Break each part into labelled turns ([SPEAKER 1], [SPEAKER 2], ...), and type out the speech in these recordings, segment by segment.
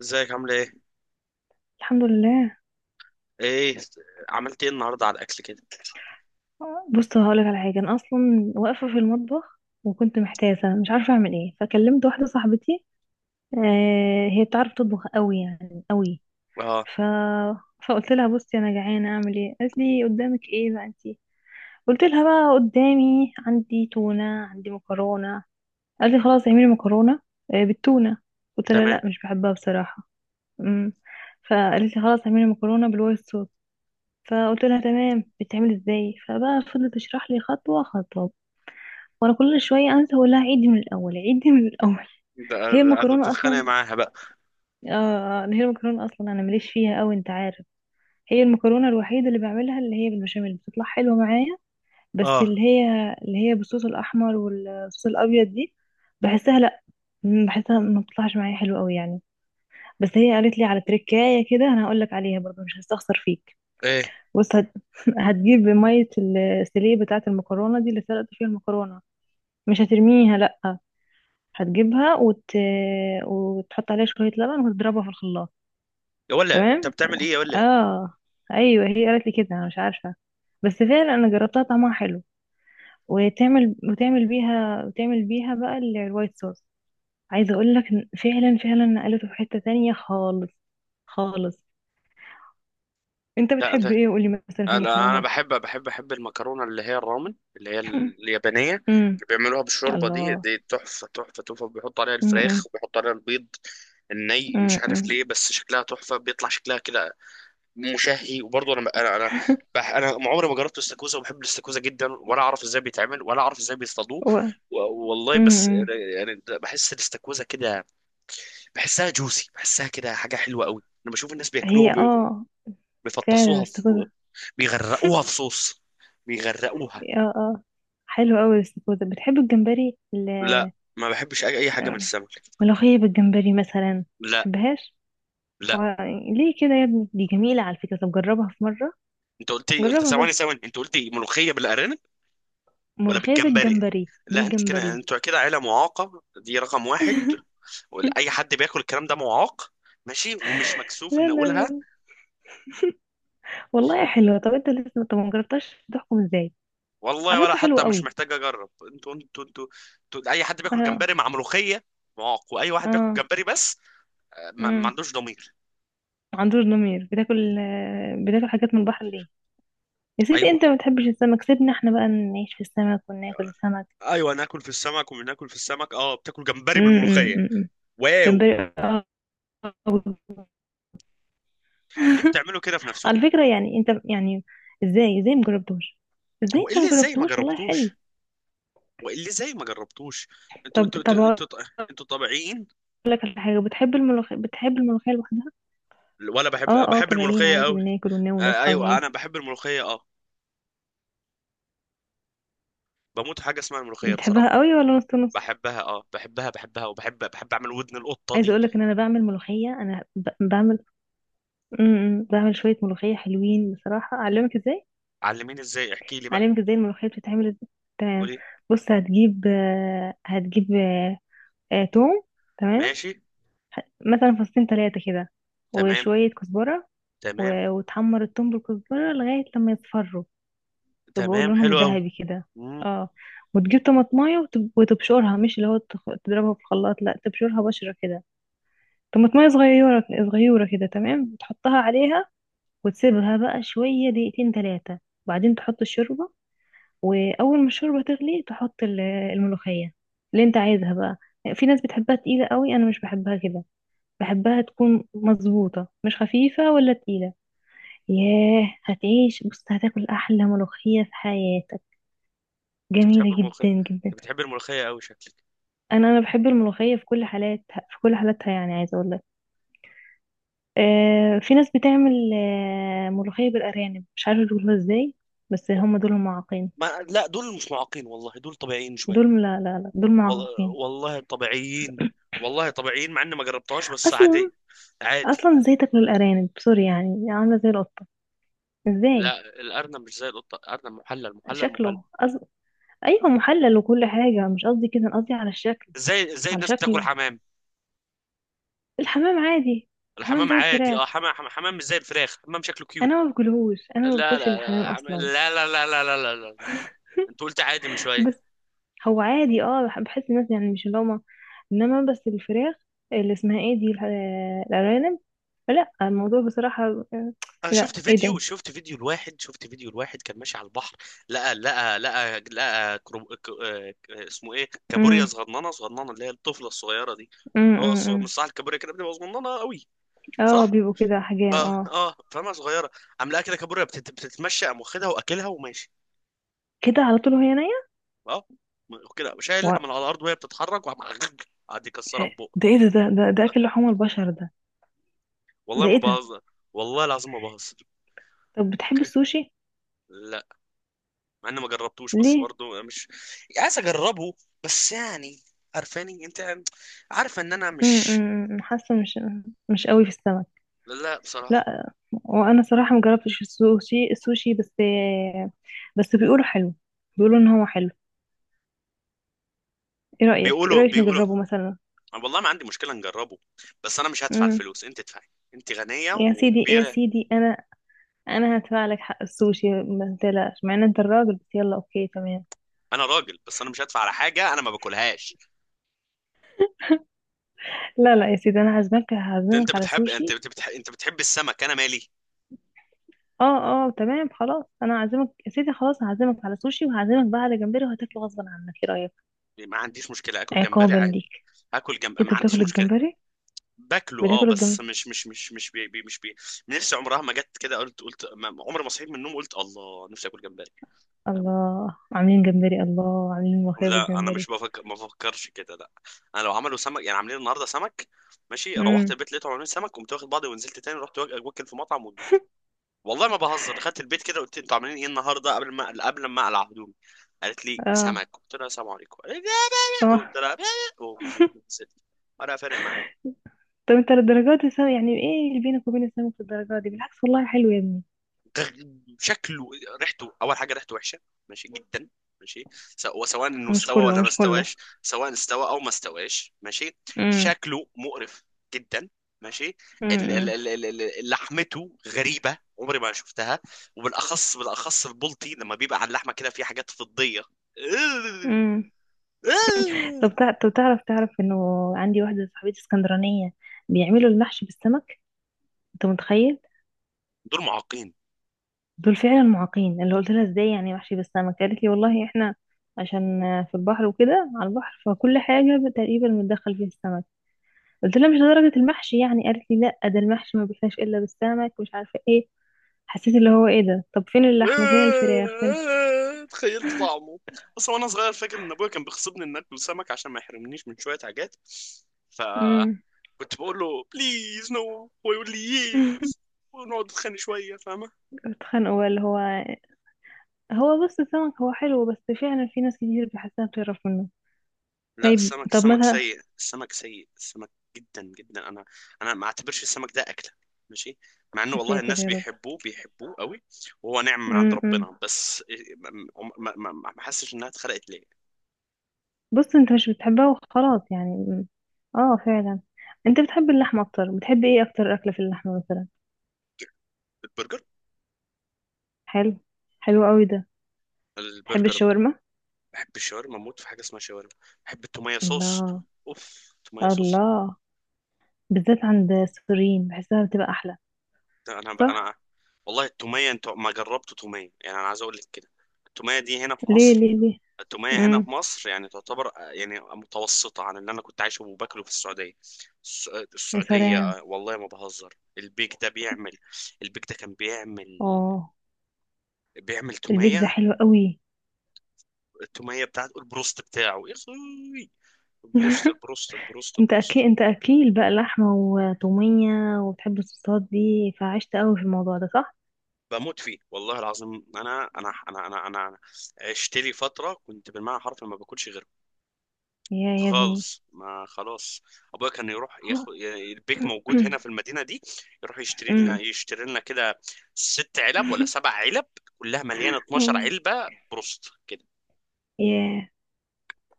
[SPEAKER 1] ازيك؟ عامله ايه؟
[SPEAKER 2] الحمد لله.
[SPEAKER 1] ايه؟ عملت ايه النهارده على الاكل كده؟
[SPEAKER 2] بص هقولك على حاجه، انا اصلا واقفه في المطبخ وكنت محتاسه مش عارفه اعمل ايه، فكلمت واحده صاحبتي. آه، هي بتعرف تطبخ قوي، يعني قوي.
[SPEAKER 1] اه.
[SPEAKER 2] ف فقلت لها: بصي انا جعانه اعمل ايه؟ قالت لي: قدامك ايه بقى انتي؟ قلت لها: بقى قدامي عندي تونه، عندي مكرونه. قالت لي: خلاص اعملي مكرونه. آه بالتونه؟ قلت لها: لا
[SPEAKER 1] تمام.
[SPEAKER 2] مش بحبها بصراحه. امم فقالت لي: خلاص اعملي مكرونه بالوايت صوص. فقلت لها: تمام بتعمل ازاي؟ فبقى فضلت تشرح لي خطوة خطوة، وانا كل شوية انسى اقول لها: عيدي من الاول، عيدي من الاول.
[SPEAKER 1] ده
[SPEAKER 2] هي
[SPEAKER 1] ده
[SPEAKER 2] المكرونة
[SPEAKER 1] بتتخانق
[SPEAKER 2] اصلا.
[SPEAKER 1] معاها بقى؟
[SPEAKER 2] آه، هي المكرونة اصلا انا ماليش فيها قوي انت عارف. هي المكرونة الوحيدة اللي بعملها، اللي هي بالبشاميل، بتطلع حلوة معايا. بس
[SPEAKER 1] اه.
[SPEAKER 2] اللي هي بالصوص الاحمر والصوص الابيض دي، بحسها لا، بحسها ما بتطلعش معايا حلوة قوي يعني. بس هي قالت لي على تركاية كده، انا هقول لك عليها برضه، مش هستخسر فيك.
[SPEAKER 1] ايه؟
[SPEAKER 2] بص هتجيب مية السلية بتاعة المكرونة دي اللي سلقت فيها المكرونة، مش هترميها لأ، هتجيبها وتحط عليها شوية لبن وتضربها في الخلاط.
[SPEAKER 1] يا ولا انت
[SPEAKER 2] تمام.
[SPEAKER 1] بتعمل ايه يا ولا؟
[SPEAKER 2] اه. ايوه هي قالت لي كده، انا مش عارفة، بس فعلا انا جربتها طعمها حلو. وتعمل بيها بقى الوايت صوص. عايزة اقول لك إن فعلا فعلا نقلته في حتة تانية خالص. خالص. انت
[SPEAKER 1] لا
[SPEAKER 2] بتحب
[SPEAKER 1] انت.
[SPEAKER 2] ايه قولي مثلا في
[SPEAKER 1] انا
[SPEAKER 2] المكرونات؟
[SPEAKER 1] بحب، بحب المكرونه اللي هي الرامن، اللي هي اليابانيه، اللي
[SPEAKER 2] امم
[SPEAKER 1] بيعملوها بالشوربه. دي
[SPEAKER 2] الله.
[SPEAKER 1] دي تحفه، تحفه. بيحط عليها الفراخ
[SPEAKER 2] امم.
[SPEAKER 1] وبيحط عليها البيض. الني مش عارف
[SPEAKER 2] امم.
[SPEAKER 1] ليه، بس شكلها تحفه، بيطلع شكلها كده مشهي. وبرضه انا انا ما عمري ما جربت الاستاكوزا، وبحب الاستاكوزا جدا، ولا اعرف ازاي بيتعمل ولا اعرف ازاي بيصطادوه.
[SPEAKER 2] و...
[SPEAKER 1] و- والله بس.
[SPEAKER 2] امم
[SPEAKER 1] يعني بحس الاستاكوزا كده، بحسها جوسي، بحسها كده حاجه حلوه قوي. انا بشوف الناس بياكلوها
[SPEAKER 2] هي. اه. فعلا
[SPEAKER 1] بيفطسوها في،
[SPEAKER 2] الاستاكوزا.
[SPEAKER 1] بيغرقوها في صوص، بيغرقوها.
[SPEAKER 2] اه اه. حلو قوي الاستاكوزا. بتحب الجمبري
[SPEAKER 1] لا، ما بحبش اي، أي حاجه من
[SPEAKER 2] آه،
[SPEAKER 1] السمك.
[SPEAKER 2] ملوخية بالجمبري مثلا؟
[SPEAKER 1] لا.
[SPEAKER 2] تحبهاش؟ و...
[SPEAKER 1] لا،
[SPEAKER 2] ليه كده يا ابني، دي جميلة على فكرة، طب جربها في مرة.
[SPEAKER 1] انت قلت لي، انت
[SPEAKER 2] جربها
[SPEAKER 1] ثواني
[SPEAKER 2] بس،
[SPEAKER 1] ثواني انت قلت لي ملوخيه بالارانب ولا
[SPEAKER 2] ملوخية
[SPEAKER 1] بالجمبري.
[SPEAKER 2] بالجمبري
[SPEAKER 1] لا، انت كده، انتوا كده عيله معاقه، دي رقم واحد. اي حد بياكل الكلام ده معاق، ماشي، ومش مكسوف
[SPEAKER 2] لا
[SPEAKER 1] ان
[SPEAKER 2] لا لا
[SPEAKER 1] اقولها.
[SPEAKER 2] لا. والله حلوة. طب انت لسه طب ما جربتهاش تحكم ازاي؟
[SPEAKER 1] والله
[SPEAKER 2] على
[SPEAKER 1] ولا
[SPEAKER 2] فكرة حلوة
[SPEAKER 1] حتى مش
[SPEAKER 2] قوي.
[SPEAKER 1] محتاج اجرب. انتوا، انتوا- اي حد بياكل
[SPEAKER 2] اه
[SPEAKER 1] جمبري مع ملوخيه معاق، واي واحد بياكل
[SPEAKER 2] اه.
[SPEAKER 1] جمبري بس، ما
[SPEAKER 2] امم.
[SPEAKER 1] عندوش ضمير.
[SPEAKER 2] عندور ضمير، بتاكل بتاكل حاجات من البحر ليه؟ يا سيدي،
[SPEAKER 1] ايوه.
[SPEAKER 2] انت ما بتحبش السمك، سيبنا احنا بقى نعيش في السمك وناكل السمك.
[SPEAKER 1] ايوه، ناكل في السمك وبناكل في السمك. اه، بتاكل جمبري
[SPEAKER 2] امم.
[SPEAKER 1] بالملوخيه؟
[SPEAKER 2] امم.
[SPEAKER 1] واو،
[SPEAKER 2] جمبري.
[SPEAKER 1] ليه بتعملوا كده في
[SPEAKER 2] على
[SPEAKER 1] نفسكم؟
[SPEAKER 2] فكرة يعني انت يعني، ازاي مجربتوش؟ ازاي
[SPEAKER 1] هو ايه
[SPEAKER 2] انت
[SPEAKER 1] اللي ازاي ما
[SPEAKER 2] مجربتوش، والله حلو.
[SPEAKER 1] جربتوش؟ هو ايه اللي ازاي ما جربتوش؟ انتوا انتوا
[SPEAKER 2] طب
[SPEAKER 1] انتوا
[SPEAKER 2] هقول
[SPEAKER 1] انتوا انتوا طبيعيين؟
[SPEAKER 2] لك على حاجة. بتحب الملوخية؟ بتحب الملوخية لوحدها؟
[SPEAKER 1] ولا.
[SPEAKER 2] اه اه.
[SPEAKER 1] بحب
[SPEAKER 2] طبيعيين
[SPEAKER 1] الملوخيه
[SPEAKER 2] عادي،
[SPEAKER 1] قوي.
[SPEAKER 2] بناكل وننام
[SPEAKER 1] آه
[SPEAKER 2] ونصحى
[SPEAKER 1] ايوه، انا
[SPEAKER 2] ونعيش.
[SPEAKER 1] بحب الملوخيه اه. بموت، حاجه اسمها الملوخيه بصراحه.
[SPEAKER 2] بتحبها قوي ولا نص نص؟
[SPEAKER 1] بحبها اه، بحبها، وبحب، بحب اعمل ودن القطه
[SPEAKER 2] عايزة
[SPEAKER 1] دي.
[SPEAKER 2] اقول لك ان انا بعمل ملوخية، بعمل بعمل شوية ملوخية حلوين بصراحة، اعلمك ازاي.
[SPEAKER 1] علميني ازاي، احكي لي بقى.
[SPEAKER 2] هعلمك ازاي الملوخية بتتعمل ازاي. تمام.
[SPEAKER 1] قولي.
[SPEAKER 2] بص هتجيب توم. تمام.
[SPEAKER 1] ماشي.
[SPEAKER 2] مثلا فصين تلاتة كده،
[SPEAKER 1] تمام
[SPEAKER 2] وشوية كزبرة،
[SPEAKER 1] تمام
[SPEAKER 2] وتحمر التوم بالكزبرة لغاية لما يصفروا، يبقوا
[SPEAKER 1] تمام.
[SPEAKER 2] لونهم
[SPEAKER 1] حلو قوي.
[SPEAKER 2] ذهبي كده.
[SPEAKER 1] امم.
[SPEAKER 2] اه. وتجيب طماطماية وتبشرها، مش اللي هو تضربها في الخلاط، لا تبشرها بشرة كده. طماطماية صغيرة، صغيرة كده، تمام، وتحطها عليها، وتسيبها بقى شوية دقيقتين تلاتة، وبعدين تحط الشوربة. واول ما الشوربه تغلي تحط الملوخيه اللي انت عايزها بقى. في ناس بتحبها تقيله قوي، انا مش بحبها كده. بحبها تكون مظبوطه، مش خفيفه ولا تقيله. ياه هتعيش، بص هتاكل احلى ملوخيه في حياتك،
[SPEAKER 1] انت بتحب
[SPEAKER 2] جميله
[SPEAKER 1] الملوخيه؟
[SPEAKER 2] جدا
[SPEAKER 1] انت
[SPEAKER 2] جدا.
[SPEAKER 1] بتحب الملوخيه قوي شكلك.
[SPEAKER 2] انا بحب الملوخيه في كل حالاتها، في كل حالاتها، يعني عايزه اقول لك، آه في ناس بتعمل آه ملوخيه بالارانب، مش عارفه يقولوها ازاي، بس
[SPEAKER 1] أو-
[SPEAKER 2] هم دول معاقين.
[SPEAKER 1] ما لا، دول مش معاقين والله، دول طبيعيين شويه.
[SPEAKER 2] دول لا لا لا، دول
[SPEAKER 1] والله
[SPEAKER 2] معاقين
[SPEAKER 1] والله طبيعيين. والله طبيعيين، مع اني ما جربتهاش بس
[SPEAKER 2] اصلا.
[SPEAKER 1] عادي. عادي.
[SPEAKER 2] اصلا ازاي تاكلوا الارانب، سوري يعني عامله زي القطه. ازاي
[SPEAKER 1] لا، الارنب مش زي القطه، الارنب محلل، محلل.
[SPEAKER 2] شكله ايوه محلل وكل حاجه، مش قصدي كده، أنا قصدي على الشكل،
[SPEAKER 1] ازاي، ازاي
[SPEAKER 2] على
[SPEAKER 1] الناس بتاكل
[SPEAKER 2] شكله.
[SPEAKER 1] حمام؟
[SPEAKER 2] الحمام عادي. الحمام
[SPEAKER 1] الحمام
[SPEAKER 2] زي
[SPEAKER 1] عادي اه،
[SPEAKER 2] الفراخ،
[SPEAKER 1] حمام مش زي الفراخ، حمام شكله كيوت.
[SPEAKER 2] انا ما باكلهوش، انا ما
[SPEAKER 1] لا
[SPEAKER 2] باكلش
[SPEAKER 1] لا لا،
[SPEAKER 2] الحمام اصلا.
[SPEAKER 1] لا لا لا لا لا لا لا، انت قلت عادي من شويه.
[SPEAKER 2] بس هو عادي، اه بحس الناس يعني مش اللي هما، انما بس الفراخ اللي اسمها ايه دي، الارانب، لا الموضوع بصراحه، آه،
[SPEAKER 1] انا
[SPEAKER 2] لا
[SPEAKER 1] شفت
[SPEAKER 2] ايه
[SPEAKER 1] فيديو،
[SPEAKER 2] ده.
[SPEAKER 1] شفت فيديو لواحد كان ماشي على البحر، لقى اسمه ايه، كابوريا
[SPEAKER 2] امم.
[SPEAKER 1] صغننه، اللي هي الطفله الصغيره دي.
[SPEAKER 2] امم.
[SPEAKER 1] هو
[SPEAKER 2] امم.
[SPEAKER 1] مش
[SPEAKER 2] إمم.
[SPEAKER 1] صح الكابوريا كده بتبقى صغننه قوي؟
[SPEAKER 2] اه
[SPEAKER 1] صح.
[SPEAKER 2] بيبقوا كده حجام،
[SPEAKER 1] اه
[SPEAKER 2] اه.
[SPEAKER 1] اه، فاهمها صغيره. عم لقى كده كابوريا بتتمشى، قام واخدها واكلها وماشي.
[SPEAKER 2] كده على طول وهي
[SPEAKER 1] اه، كده شايلها
[SPEAKER 2] نايمه.
[SPEAKER 1] من على الارض وهي بتتحرك وعم قعد يكسرها في بقه.
[SPEAKER 2] ده ايه ده، ده اكل لحوم البشر ده.
[SPEAKER 1] والله
[SPEAKER 2] ده
[SPEAKER 1] ما
[SPEAKER 2] ايه ده.
[SPEAKER 1] بهزر، والله العظيم ما بهزر.
[SPEAKER 2] طب بتحب السوشي؟
[SPEAKER 1] لا، مع اني ما جربتوش بس
[SPEAKER 2] ليه؟
[SPEAKER 1] برضه مش عايز اجربه. بس يعني، عارفاني انت، عارفه ان انا
[SPEAKER 2] امم.
[SPEAKER 1] مش.
[SPEAKER 2] أمم، حاسه مش مش قوي في السمك.
[SPEAKER 1] لا بصراحه.
[SPEAKER 2] لا وانا صراحه مجربتش السوشي، بس، بس بيقولوا حلو، بيقولوا ان هو حلو. ايه رايك،
[SPEAKER 1] بيقولوا بيقولوا
[SPEAKER 2] نجربه مثلا؟
[SPEAKER 1] والله ما عندي مشكله نجربه، بس انا مش هدفع
[SPEAKER 2] امم.
[SPEAKER 1] الفلوس، انت ادفعي، انت غنيه
[SPEAKER 2] يا
[SPEAKER 1] وكبيره.
[SPEAKER 2] سيدي، انا هدفع لك حق السوشي ما تقلقش، مع ان انت الراجل، بس يلا اوكي تمام.
[SPEAKER 1] انا راجل، بس انا مش هدفع على حاجه انا ما باكلهاش.
[SPEAKER 2] لا لا يا سيدي، انا هعزمك، هعزمك على سوشي.
[SPEAKER 1] انت بتحب السمك، انا مالي.
[SPEAKER 2] اه اه تمام خلاص، انا هعزمك يا سيدي، خلاص هعزمك على سوشي، وهعزمك بقى على جمبري وهتاكله غصبا عنك، ايه رايك؟
[SPEAKER 1] ما عنديش مشكله، اكل جمبري
[SPEAKER 2] عقابا
[SPEAKER 1] عادي.
[SPEAKER 2] ليك.
[SPEAKER 1] هاكل جنب،
[SPEAKER 2] إيه، انت
[SPEAKER 1] ما عنديش
[SPEAKER 2] بتاكل
[SPEAKER 1] مشكله.
[SPEAKER 2] الجمبري؟
[SPEAKER 1] باكله اه،
[SPEAKER 2] بتاكل
[SPEAKER 1] بس
[SPEAKER 2] الجمبري.
[SPEAKER 1] مش، مش، مش بي، بي، مش بي. نفسي عمرها ما جت كده، قلت، قلت عمري ما صحيت من النوم قلت الله نفسي اكل جمبري. فاهمة؟
[SPEAKER 2] الله عاملين جمبري، الله عاملين ملوخيه
[SPEAKER 1] لا، انا مش
[SPEAKER 2] بالجمبري.
[SPEAKER 1] بفكر، ما بفكرش كده لا. انا لو عملوا سمك، يعني عاملين النهارده سمك، ماشي، روحت
[SPEAKER 2] امم.
[SPEAKER 1] البيت لقيتهم عاملين سمك، قمت واخد بعضي ونزلت تاني رحت واكل في مطعم و... والله ما بهزر. دخلت البيت كده قلت انتوا عاملين ايه النهارده؟ قبل ما اقلع هدومي، قالت لي
[SPEAKER 2] اه.
[SPEAKER 1] سمك، قلت لها السلام عليكم. قالت لي لا،
[SPEAKER 2] طب
[SPEAKER 1] قلت لها لا. ومشيت نزلت، ولا فارق معايا.
[SPEAKER 2] طب انت للدرجات دي يعني ايه اللي بينك وبين السمك في الدرجات دي؟ بالعكس والله حلو يا ابني.
[SPEAKER 1] شكله، ريحته، اول حاجه ريحته وحشه ماشي جدا، ماشي. وسواء انه
[SPEAKER 2] مش
[SPEAKER 1] استوى
[SPEAKER 2] كله،
[SPEAKER 1] ولا ما
[SPEAKER 2] مش كله.
[SPEAKER 1] استواش، سواء استوى او ما استواش ماشي.
[SPEAKER 2] امم.
[SPEAKER 1] شكله مقرف جدا، ماشي.
[SPEAKER 2] امم.
[SPEAKER 1] لحمته غريبه عمري ما شفتها، وبالاخص، البلطي لما بيبقى على اللحمه كده في حاجات فضيه.
[SPEAKER 2] امم. طب طب تعرف، تعرف انه عندي واحده صاحبتي اسكندرانيه بيعملوا المحشي بالسمك، انت متخيل؟
[SPEAKER 1] دول معاقين.
[SPEAKER 2] دول فعلا معاقين. اللي قلت لها: ازاي يعني وحشي بالسمك؟ قالت لي: والله احنا عشان في البحر وكده على البحر، فكل حاجة تقريبا متدخل فيها السمك. قلت لها: مش لدرجة المحشي يعني، قالت لي: لا ده المحشي ما بيحلاش الا بالسمك، مش عارفة ايه. حسيت اللي هو ايه ده، طب فين اللحمة، فين الفراخ، فين.
[SPEAKER 1] تخيلت طعمه. اصلا وانا صغير فاكر ان ابويا كان بيغصبني ان اكل سمك عشان ما يحرمنيش من شويه حاجات،
[SPEAKER 2] امم.
[SPEAKER 1] فكنت بقول له بليز نو، هو يقول لي يس. ونقعد نتخانق شويه، فاهمه.
[SPEAKER 2] اتخانقوا بقى اللي هو. هو بص السمك هو حلو، بس فعلا في ناس كتير بحسها بتعرف منه.
[SPEAKER 1] لا،
[SPEAKER 2] طيب.
[SPEAKER 1] السمك،
[SPEAKER 2] طب
[SPEAKER 1] السمك
[SPEAKER 2] مثلا.
[SPEAKER 1] سيء، السمك سيء، السمك جدا جدا. انا، انا ما اعتبرش السمك ده اكله، ماشي. مع انه
[SPEAKER 2] يا
[SPEAKER 1] والله
[SPEAKER 2] ساتر
[SPEAKER 1] الناس
[SPEAKER 2] يا رب.
[SPEAKER 1] بيحبوه، بيحبوه قوي، وهو نعمه من عند
[SPEAKER 2] امم.
[SPEAKER 1] ربنا، بس ما حسش انها اتخلقت ليه.
[SPEAKER 2] بص انت مش بتحبها وخلاص يعني، اه فعلا. انت بتحب اللحمة اكتر، بتحب ايه اكتر اكلة في اللحمة مثلا؟
[SPEAKER 1] البرجر.
[SPEAKER 2] حلو. حلو قوي ده. تحب
[SPEAKER 1] البرجر.
[SPEAKER 2] الشاورما؟
[SPEAKER 1] بحب الشاورما، اموت في حاجه اسمها شاورما. بحب التوميه صوص.
[SPEAKER 2] الله.
[SPEAKER 1] اوف، توميه صوص.
[SPEAKER 2] الله بالذات عند السوريين بحسها بتبقى احلى.
[SPEAKER 1] ده انا بقى
[SPEAKER 2] صح.
[SPEAKER 1] انا. والله التوميه، انت ما جربت توميه يعني، انا عايز اقول لك كده. التوميه دي هنا في
[SPEAKER 2] ليه
[SPEAKER 1] مصر
[SPEAKER 2] ليه ليه؟
[SPEAKER 1] التوميه هنا في
[SPEAKER 2] امم.
[SPEAKER 1] مصر يعني تعتبر يعني متوسطه عن اللي انا كنت عايشه وباكله في السعوديه. الس-
[SPEAKER 2] يا
[SPEAKER 1] السعوديه
[SPEAKER 2] سلام.
[SPEAKER 1] والله ما بهزر، البيك ده كان بيعمل،
[SPEAKER 2] اه
[SPEAKER 1] بيعمل
[SPEAKER 2] البيك ده
[SPEAKER 1] توميه.
[SPEAKER 2] حلو قوي.
[SPEAKER 1] التوميه بتاعته، البروست بتاعه يا اخوي.
[SPEAKER 2] انت اكيل،
[SPEAKER 1] البروست.
[SPEAKER 2] انت اكيل بقى لحمة وطومية، وبتحب الصوصات دي، فعشت قوي في الموضوع ده صح.
[SPEAKER 1] بموت فيه والله العظيم. انا عشت لي فتره كنت بالمعنى حرفي ما باكلش غيره،
[SPEAKER 2] يا ابني
[SPEAKER 1] خالص. ما خلاص. ابويا كان يروح
[SPEAKER 2] هو-
[SPEAKER 1] ياخد، يعني البيك موجود هنا في المدينه دي، يروح يشتري لنا
[SPEAKER 2] أمم.
[SPEAKER 1] يشتري لنا كده، ست علب ولا سبع علب، كلها مليانه 12 علبه بروست كده.
[SPEAKER 2] ياه.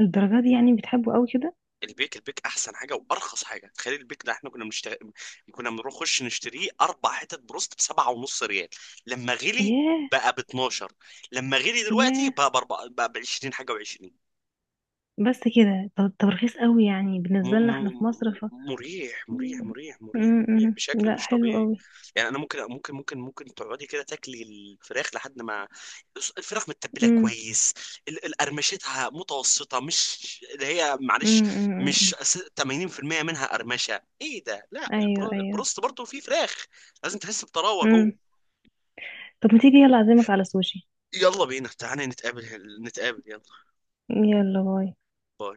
[SPEAKER 2] الدرجة دي يعني بتحبه قوي كده.
[SPEAKER 1] البيك احسن حاجه وارخص حاجه. تخيل البيك ده، احنا كنا بنخش نشتريه اربع حتت بروست بسبعة ونص ريال. لما غلي
[SPEAKER 2] ياه.
[SPEAKER 1] بقى ب 12. لما غلي دلوقتي
[SPEAKER 2] ياه.
[SPEAKER 1] بقى ب 4، بقى ب 20 حاجه و20.
[SPEAKER 2] بس كده. طب طب رخيص قوي يعني
[SPEAKER 1] م
[SPEAKER 2] بالنسبة لنا احنا
[SPEAKER 1] م
[SPEAKER 2] في مصر، ف
[SPEAKER 1] مريح، مريح
[SPEAKER 2] م-
[SPEAKER 1] مريح مريح
[SPEAKER 2] م-
[SPEAKER 1] مريح
[SPEAKER 2] م.
[SPEAKER 1] بشكل
[SPEAKER 2] لا
[SPEAKER 1] مش
[SPEAKER 2] حلو
[SPEAKER 1] طبيعي.
[SPEAKER 2] قوي.
[SPEAKER 1] يعني انا ممكن، ممكن تقعدي كده تاكلي الفراخ لحد ما الفراخ متبله
[SPEAKER 2] م-
[SPEAKER 1] كويس، القرمشتها متوسطه، مش اللي هي معلش، مش
[SPEAKER 2] م.
[SPEAKER 1] 80% منها قرمشه، ايه ده؟ لا،
[SPEAKER 2] ايوه ايوه.
[SPEAKER 1] البروست برضه فيه فراخ، لازم تحس بطراوه
[SPEAKER 2] م.
[SPEAKER 1] جوه.
[SPEAKER 2] طب ما تيجي يلا اعزمك على سوشي.
[SPEAKER 1] يلا بينا، تعالى نتقابل، نتقابل يلا.
[SPEAKER 2] يلا باي.
[SPEAKER 1] باي.